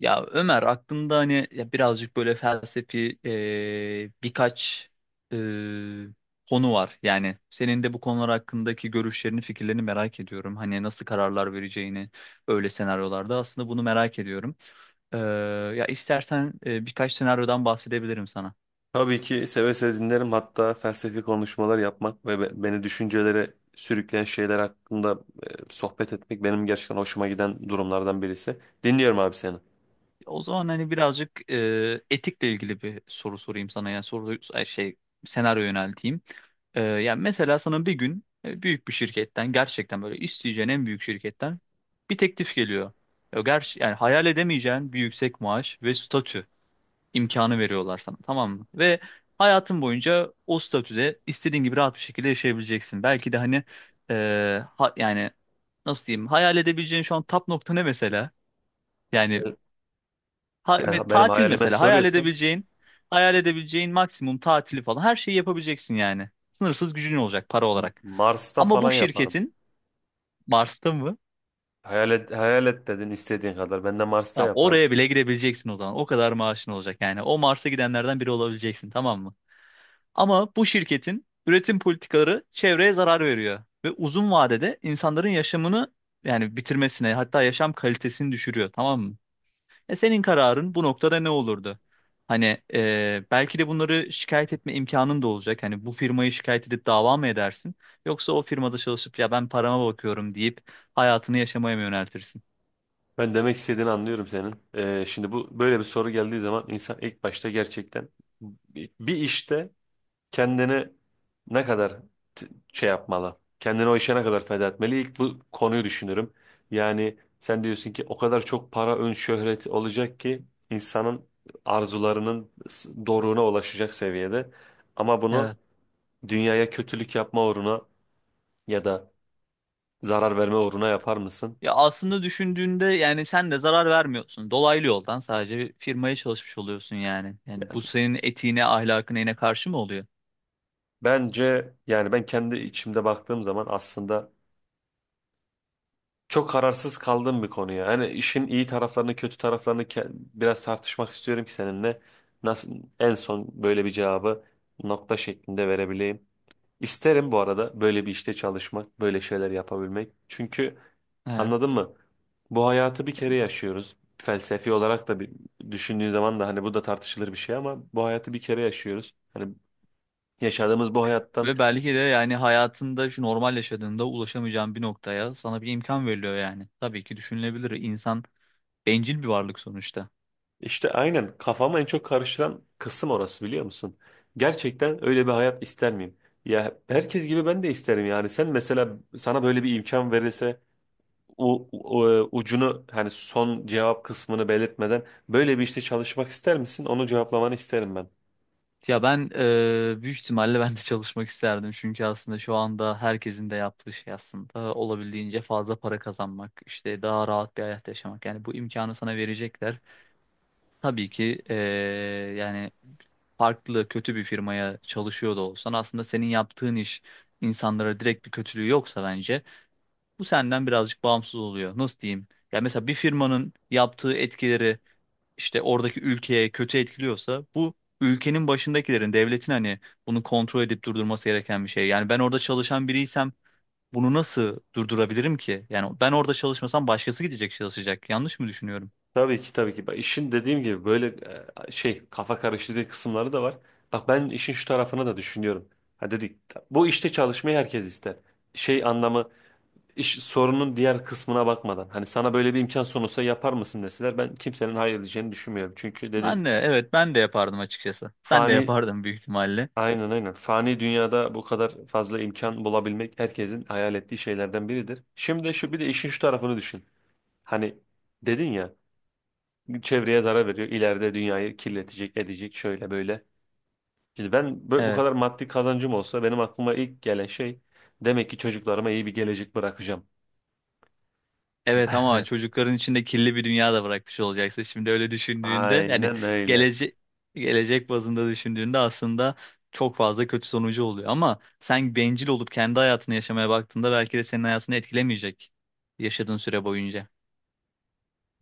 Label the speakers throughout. Speaker 1: Ya Ömer aklında hani ya birazcık böyle felsefi birkaç e, konu var. Yani senin de bu konular hakkındaki görüşlerini, fikirlerini merak ediyorum. Hani nasıl kararlar vereceğini öyle senaryolarda aslında bunu merak ediyorum. Ee, ya istersen birkaç senaryodan bahsedebilirim sana.
Speaker 2: Tabii ki seve seve dinlerim. Hatta felsefi konuşmalar yapmak ve beni düşüncelere sürükleyen şeyler hakkında sohbet etmek benim gerçekten hoşuma giden durumlardan birisi. Dinliyorum abi seni.
Speaker 1: O zaman hani birazcık etikle ilgili bir soru sorayım sana. Yani soru ay şey senaryo yönelteyim. Yani mesela sana bir gün büyük bir şirketten gerçekten böyle isteyeceğin en büyük şirketten bir teklif geliyor. Ya ger yani hayal edemeyeceğin bir yüksek maaş ve statü imkanı veriyorlar sana, tamam mı? Ve hayatın boyunca o statüde istediğin gibi rahat bir şekilde yaşayabileceksin. Belki de hani e, yani nasıl diyeyim, hayal edebileceğin şu an nokta ne mesela? Yani ve
Speaker 2: Yani benim
Speaker 1: tatil
Speaker 2: hayalime
Speaker 1: mesela hayal
Speaker 2: soruyorsan
Speaker 1: edebileceğin, hayal edebileceğin maksimum tatili falan her şeyi yapabileceksin yani. Sınırsız gücün olacak, para olarak.
Speaker 2: Mars'ta
Speaker 1: Ama bu
Speaker 2: falan yaparım.
Speaker 1: şirketin Mars'ta mı?
Speaker 2: Hayal et, hayal et dedin istediğin kadar. Ben de Mars'ta
Speaker 1: Tamam,
Speaker 2: yaparım.
Speaker 1: oraya bile gidebileceksin o zaman. O kadar maaşın olacak yani. O Mars'a gidenlerden biri olabileceksin, tamam mı? Ama bu şirketin üretim politikaları çevreye zarar veriyor ve uzun vadede insanların yaşamını yani bitirmesine, hatta yaşam kalitesini düşürüyor, tamam mı? E senin kararın bu noktada ne olurdu? Hani belki de bunları şikayet etme imkanın da olacak. Hani bu firmayı şikayet edip dava mı edersin? Yoksa o firmada çalışıp ya ben parama bakıyorum deyip hayatını yaşamaya mı yöneltirsin?
Speaker 2: Ben demek istediğini anlıyorum senin. Şimdi bu böyle bir soru geldiği zaman insan ilk başta gerçekten bir işte kendini ne kadar t- şey yapmalı? Kendini o işe ne kadar feda etmeli? İlk bu konuyu düşünürüm. Yani sen diyorsun ki o kadar çok para, ön şöhret olacak ki insanın doruğuna ulaşacak seviyede. Ama bunu
Speaker 1: Evet.
Speaker 2: dünyaya kötülük yapma uğruna ya da zarar verme uğruna yapar mısın?
Speaker 1: Ya aslında düşündüğünde yani sen de zarar vermiyorsun. Dolaylı yoldan sadece bir firmaya çalışmış oluyorsun yani. Yani bu senin etiğine, ahlakına yine karşı mı oluyor?
Speaker 2: Bence yani ben kendi içimde baktığım zaman aslında çok kararsız kaldığım bir konu ya. Hani işin iyi taraflarını, kötü taraflarını biraz tartışmak istiyorum ki seninle nasıl en son böyle bir cevabı nokta şeklinde verebileyim. İsterim bu arada böyle bir işte çalışmak, böyle şeyler yapabilmek. Çünkü anladın
Speaker 1: Evet.
Speaker 2: mı? Bu hayatı bir kere yaşıyoruz. Felsefi olarak da bir düşündüğün zaman da hani bu da tartışılır bir şey, ama bu hayatı bir kere yaşıyoruz. Hani yaşadığımız bu hayattan.
Speaker 1: Ve belki de yani hayatında şu normal yaşadığında ulaşamayacağın bir noktaya sana bir imkan veriliyor yani. Tabii ki düşünülebilir. İnsan bencil bir varlık sonuçta.
Speaker 2: İşte aynen, kafamı en çok karıştıran kısım orası, biliyor musun? Gerçekten öyle bir hayat ister miyim? Ya herkes gibi ben de isterim yani. Sen mesela, sana böyle bir imkan verilse, ucunu, hani son cevap kısmını belirtmeden, böyle bir işte çalışmak ister misin? Onu cevaplamanı isterim ben.
Speaker 1: Ya ben büyük ihtimalle ben de çalışmak isterdim. Çünkü aslında şu anda herkesin de yaptığı şey aslında olabildiğince fazla para kazanmak, işte daha rahat bir hayat yaşamak. Yani bu imkanı sana verecekler. Tabii ki yani farklı kötü bir firmaya çalışıyor da olsan aslında senin yaptığın iş insanlara direkt bir kötülüğü yoksa bence bu senden birazcık bağımsız oluyor. Nasıl diyeyim? Ya mesela bir firmanın yaptığı etkileri işte oradaki ülkeye kötü etkiliyorsa bu ülkenin başındakilerin, devletin hani bunu kontrol edip durdurması gereken bir şey. Yani ben orada çalışan biriysem bunu nasıl durdurabilirim ki? Yani ben orada çalışmasam başkası gidecek, çalışacak. Yanlış mı düşünüyorum?
Speaker 2: Tabii ki, tabii ki. Bak, işin dediğim gibi böyle şey, kafa karıştırdığı kısımları da var. Bak, ben işin şu tarafını da düşünüyorum. Ha dedik, bu işte çalışmayı herkes ister. Şey anlamı, iş sorunun diğer kısmına bakmadan hani sana böyle bir imkan sunulsa yapar mısın deseler, ben kimsenin hayır edeceğini düşünmüyorum. Çünkü dedi,
Speaker 1: Anne, evet ben de yapardım açıkçası. Sen de
Speaker 2: fani,
Speaker 1: yapardın büyük ihtimalle.
Speaker 2: aynen aynen, fani dünyada bu kadar fazla imkan bulabilmek herkesin hayal ettiği şeylerden biridir. Şimdi de şu, bir de işin şu tarafını düşün. Hani dedin ya, çevreye zarar veriyor, ileride dünyayı kirletecek edecek, şöyle böyle. Şimdi ben bu
Speaker 1: Evet.
Speaker 2: kadar maddi kazancım olsa benim aklıma ilk gelen şey, demek ki çocuklarıma iyi bir gelecek bırakacağım.
Speaker 1: Evet ama çocukların içinde kirli bir dünya da bırakmış olacaksın. Şimdi öyle düşündüğünde yani
Speaker 2: Aynen öyle.
Speaker 1: gelecek gelecek bazında düşündüğünde aslında çok fazla kötü sonucu oluyor. Ama sen bencil olup kendi hayatını yaşamaya baktığında belki de senin hayatını etkilemeyecek yaşadığın süre boyunca.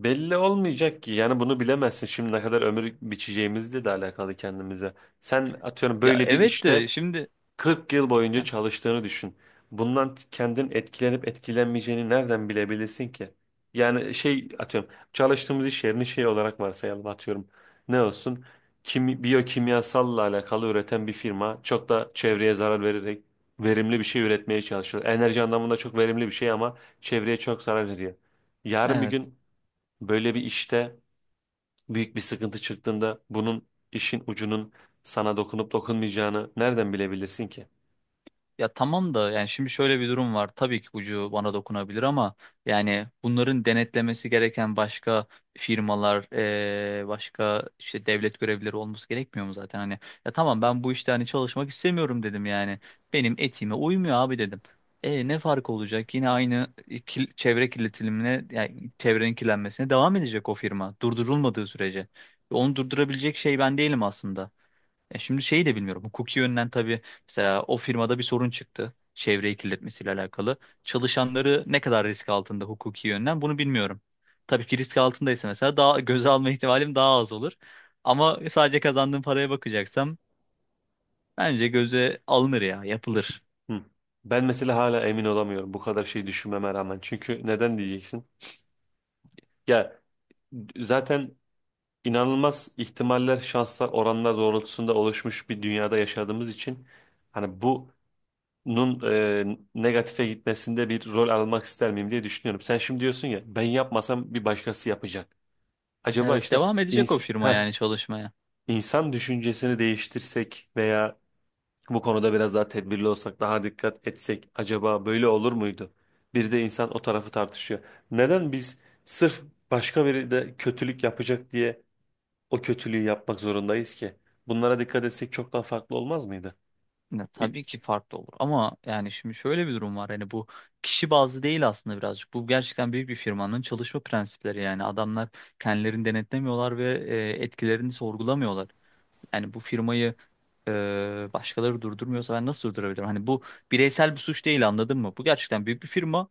Speaker 2: Belli olmayacak ki yani, bunu bilemezsin şimdi, ne kadar ömür biçeceğimizle de alakalı kendimize. Sen atıyorum
Speaker 1: Ya
Speaker 2: böyle bir
Speaker 1: evet de
Speaker 2: işte
Speaker 1: şimdi
Speaker 2: 40 yıl boyunca
Speaker 1: Heh,
Speaker 2: çalıştığını düşün. Bundan kendin etkilenip etkilenmeyeceğini nereden bilebilirsin ki? Yani şey, atıyorum çalıştığımız iş yerini şey olarak varsayalım, atıyorum. Ne olsun? Kim, biyokimyasalla alakalı üreten bir firma, çok da çevreye zarar vererek verimli bir şey üretmeye çalışıyor. Enerji anlamında çok verimli bir şey ama çevreye çok zarar veriyor. Yarın bir
Speaker 1: evet.
Speaker 2: gün, böyle bir işte büyük bir sıkıntı çıktığında bunun, işin ucunun sana dokunup dokunmayacağını nereden bilebilirsin ki?
Speaker 1: Ya tamam da yani şimdi şöyle bir durum var. Tabii ki ucu bana dokunabilir ama yani bunların denetlemesi gereken başka firmalar, başka işte devlet görevlileri olması gerekmiyor mu zaten? Hani ya tamam ben bu işte hani çalışmak istemiyorum dedim yani. Benim etime uymuyor abi dedim. E ne fark olacak? Yine aynı çevre kirletilimine, yani çevrenin kirlenmesine devam edecek o firma durdurulmadığı sürece. Onu durdurabilecek şey ben değilim aslında. E şimdi şeyi de bilmiyorum. Hukuki yönden tabii, mesela o firmada bir sorun çıktı. Çevreyi kirletmesiyle alakalı. Çalışanları ne kadar risk altında hukuki yönden bunu bilmiyorum. Tabii ki risk altındaysa mesela daha göze alma ihtimalim daha az olur. Ama sadece kazandığım paraya bakacaksam bence göze alınır ya, yapılır.
Speaker 2: Hı. Ben mesela hala emin olamıyorum bu kadar şey düşünmeme rağmen. Çünkü neden diyeceksin? Ya zaten, inanılmaz ihtimaller, şanslar, oranlar doğrultusunda oluşmuş bir dünyada yaşadığımız için hani bunun negatife gitmesinde bir rol almak ister miyim diye düşünüyorum. Sen şimdi diyorsun ya, ben yapmasam bir başkası yapacak. Acaba
Speaker 1: Evet,
Speaker 2: işte
Speaker 1: devam edecek o firma
Speaker 2: insan.
Speaker 1: yani çalışmaya.
Speaker 2: İnsan düşüncesini değiştirsek veya bu konuda biraz daha tedbirli olsak, daha dikkat etsek acaba böyle olur muydu? Bir de insan o tarafı tartışıyor. Neden biz sırf başka biri de kötülük yapacak diye o kötülüğü yapmak zorundayız ki? Bunlara dikkat etsek çok daha farklı olmaz mıydı?
Speaker 1: Ya,
Speaker 2: İ-
Speaker 1: tabii ki farklı olur ama yani şimdi şöyle bir durum var, hani bu kişi bazlı değil aslında, birazcık bu gerçekten büyük bir firmanın çalışma prensipleri. Yani adamlar kendilerini denetlemiyorlar ve etkilerini sorgulamıyorlar. Yani bu firmayı e, başkaları durdurmuyorsa ben nasıl durdurabilirim? Hani bu bireysel bir suç değil, anladın mı? Bu gerçekten büyük bir firma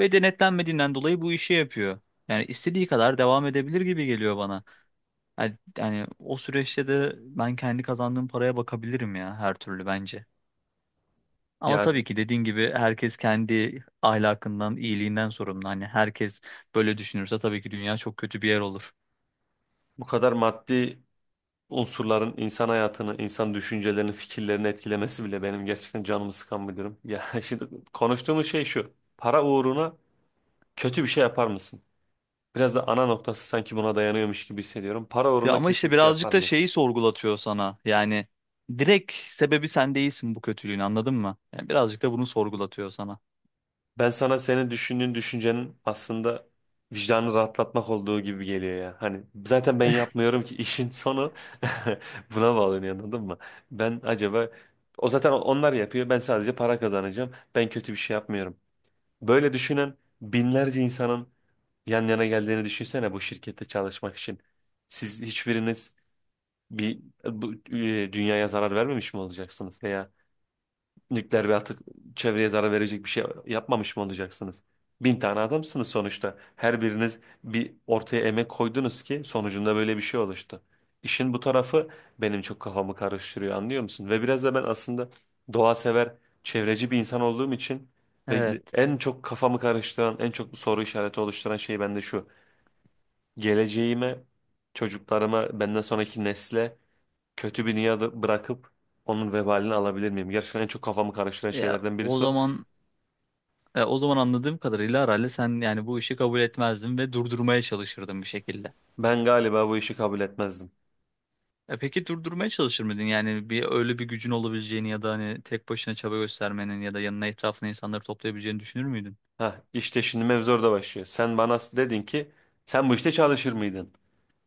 Speaker 1: ve denetlenmediğinden dolayı bu işi yapıyor. Yani istediği kadar devam edebilir gibi geliyor bana. Yani, yani o süreçte de ben kendi kazandığım paraya bakabilirim ya her türlü bence. Ama
Speaker 2: Yani
Speaker 1: tabii ki dediğin gibi herkes kendi ahlakından, iyiliğinden sorumlu. Hani herkes böyle düşünürse tabii ki dünya çok kötü bir yer olur.
Speaker 2: bu kadar maddi unsurların insan hayatını, insan düşüncelerini, fikirlerini etkilemesi bile benim gerçekten canımı sıkan bir durum. Ya şimdi konuştuğumuz şey şu: para uğruna kötü bir şey yapar mısın? Biraz da ana noktası sanki buna dayanıyormuş gibi hissediyorum. Para
Speaker 1: Ya
Speaker 2: uğruna
Speaker 1: ama
Speaker 2: kötü
Speaker 1: işte
Speaker 2: bir şey
Speaker 1: birazcık
Speaker 2: yapar
Speaker 1: da
Speaker 2: mıyım?
Speaker 1: şeyi sorgulatıyor sana. Yani direkt sebebi sen değilsin bu kötülüğün, anladın mı? Yani birazcık da bunu sorgulatıyor sana.
Speaker 2: Ben sana, senin düşündüğün düşüncenin aslında vicdanı rahatlatmak olduğu gibi geliyor ya. Hani zaten ben yapmıyorum ki, işin sonu buna bağlanıyor, anladın mı? Ben acaba, o zaten onlar yapıyor, ben sadece para kazanacağım, ben kötü bir şey yapmıyorum. Böyle düşünen binlerce insanın yan yana geldiğini düşünsene bu şirkette çalışmak için. Siz hiçbiriniz bir dünyaya zarar vermemiş mi olacaksınız veya nükleer bir atık, çevreye zarar verecek bir şey yapmamış mı olacaksınız? Bin tane adamsınız sonuçta. Her biriniz bir ortaya emek koydunuz ki sonucunda böyle bir şey oluştu. İşin bu tarafı benim çok kafamı karıştırıyor, anlıyor musun? Ve biraz da ben aslında doğa sever, çevreci bir insan olduğum için ve
Speaker 1: Evet.
Speaker 2: en çok kafamı karıştıran, en çok soru işareti oluşturan şey bende şu: geleceğime, çocuklarıma, benden sonraki nesle kötü bir dünyada bırakıp onun vebalini alabilir miyim? Gerçekten en çok kafamı karıştıran
Speaker 1: Ya
Speaker 2: şeylerden
Speaker 1: o
Speaker 2: birisi o.
Speaker 1: zaman o zaman anladığım kadarıyla herhalde sen yani bu işi kabul etmezdin ve durdurmaya çalışırdın bir şekilde.
Speaker 2: Ben galiba bu işi kabul etmezdim.
Speaker 1: E peki durdurmaya çalışır mıydın? Yani bir öyle bir gücün olabileceğini ya da hani tek başına çaba göstermenin ya da yanına, etrafına insanları toplayabileceğini düşünür müydün?
Speaker 2: Hah işte şimdi mevzu orada başlıyor. Sen bana dedin ki, sen bu işte çalışır mıydın?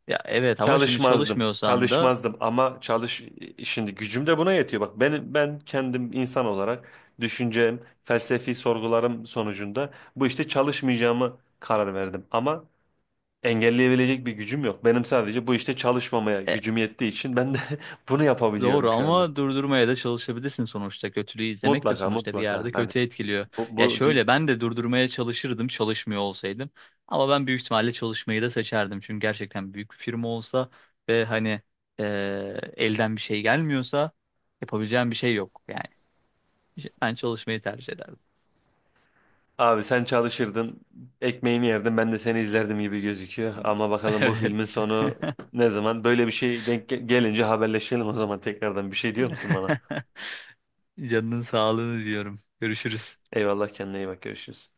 Speaker 1: Ya evet ama şimdi
Speaker 2: Çalışmazdım.
Speaker 1: çalışmıyorsan da
Speaker 2: Çalışmazdım ama şimdi gücüm de buna yetiyor. Bak, ben kendim insan olarak, düşüncem, felsefi sorgularım sonucunda bu işte çalışmayacağımı karar verdim. Ama engelleyebilecek bir gücüm yok. Benim sadece bu işte çalışmamaya
Speaker 1: e,
Speaker 2: gücüm yettiği için ben de bunu yapabiliyorum
Speaker 1: doğru,
Speaker 2: şu anda.
Speaker 1: ama durdurmaya da çalışabilirsin sonuçta. Kötülüğü izlemek de
Speaker 2: Mutlaka,
Speaker 1: sonuçta bir
Speaker 2: mutlaka.
Speaker 1: yerde
Speaker 2: Hani
Speaker 1: kötü etkiliyor.
Speaker 2: bu,
Speaker 1: Ya
Speaker 2: bu dün-
Speaker 1: şöyle, ben de durdurmaya çalışırdım çalışmıyor olsaydım. Ama ben büyük ihtimalle çalışmayı da seçerdim. Çünkü gerçekten büyük bir firma olsa ve hani e, elden bir şey gelmiyorsa yapabileceğim bir şey yok. Yani ben çalışmayı tercih ederdim.
Speaker 2: abi sen çalışırdın, ekmeğini yerdin, ben de seni izlerdim gibi gözüküyor. Ama bakalım bu filmin
Speaker 1: Evet.
Speaker 2: sonu ne zaman? Böyle bir şey denk gelince haberleşelim o zaman tekrardan. Bir şey diyor musun bana?
Speaker 1: Canının sağlığını diyorum. Görüşürüz.
Speaker 2: Eyvallah, kendine iyi bak, görüşürüz.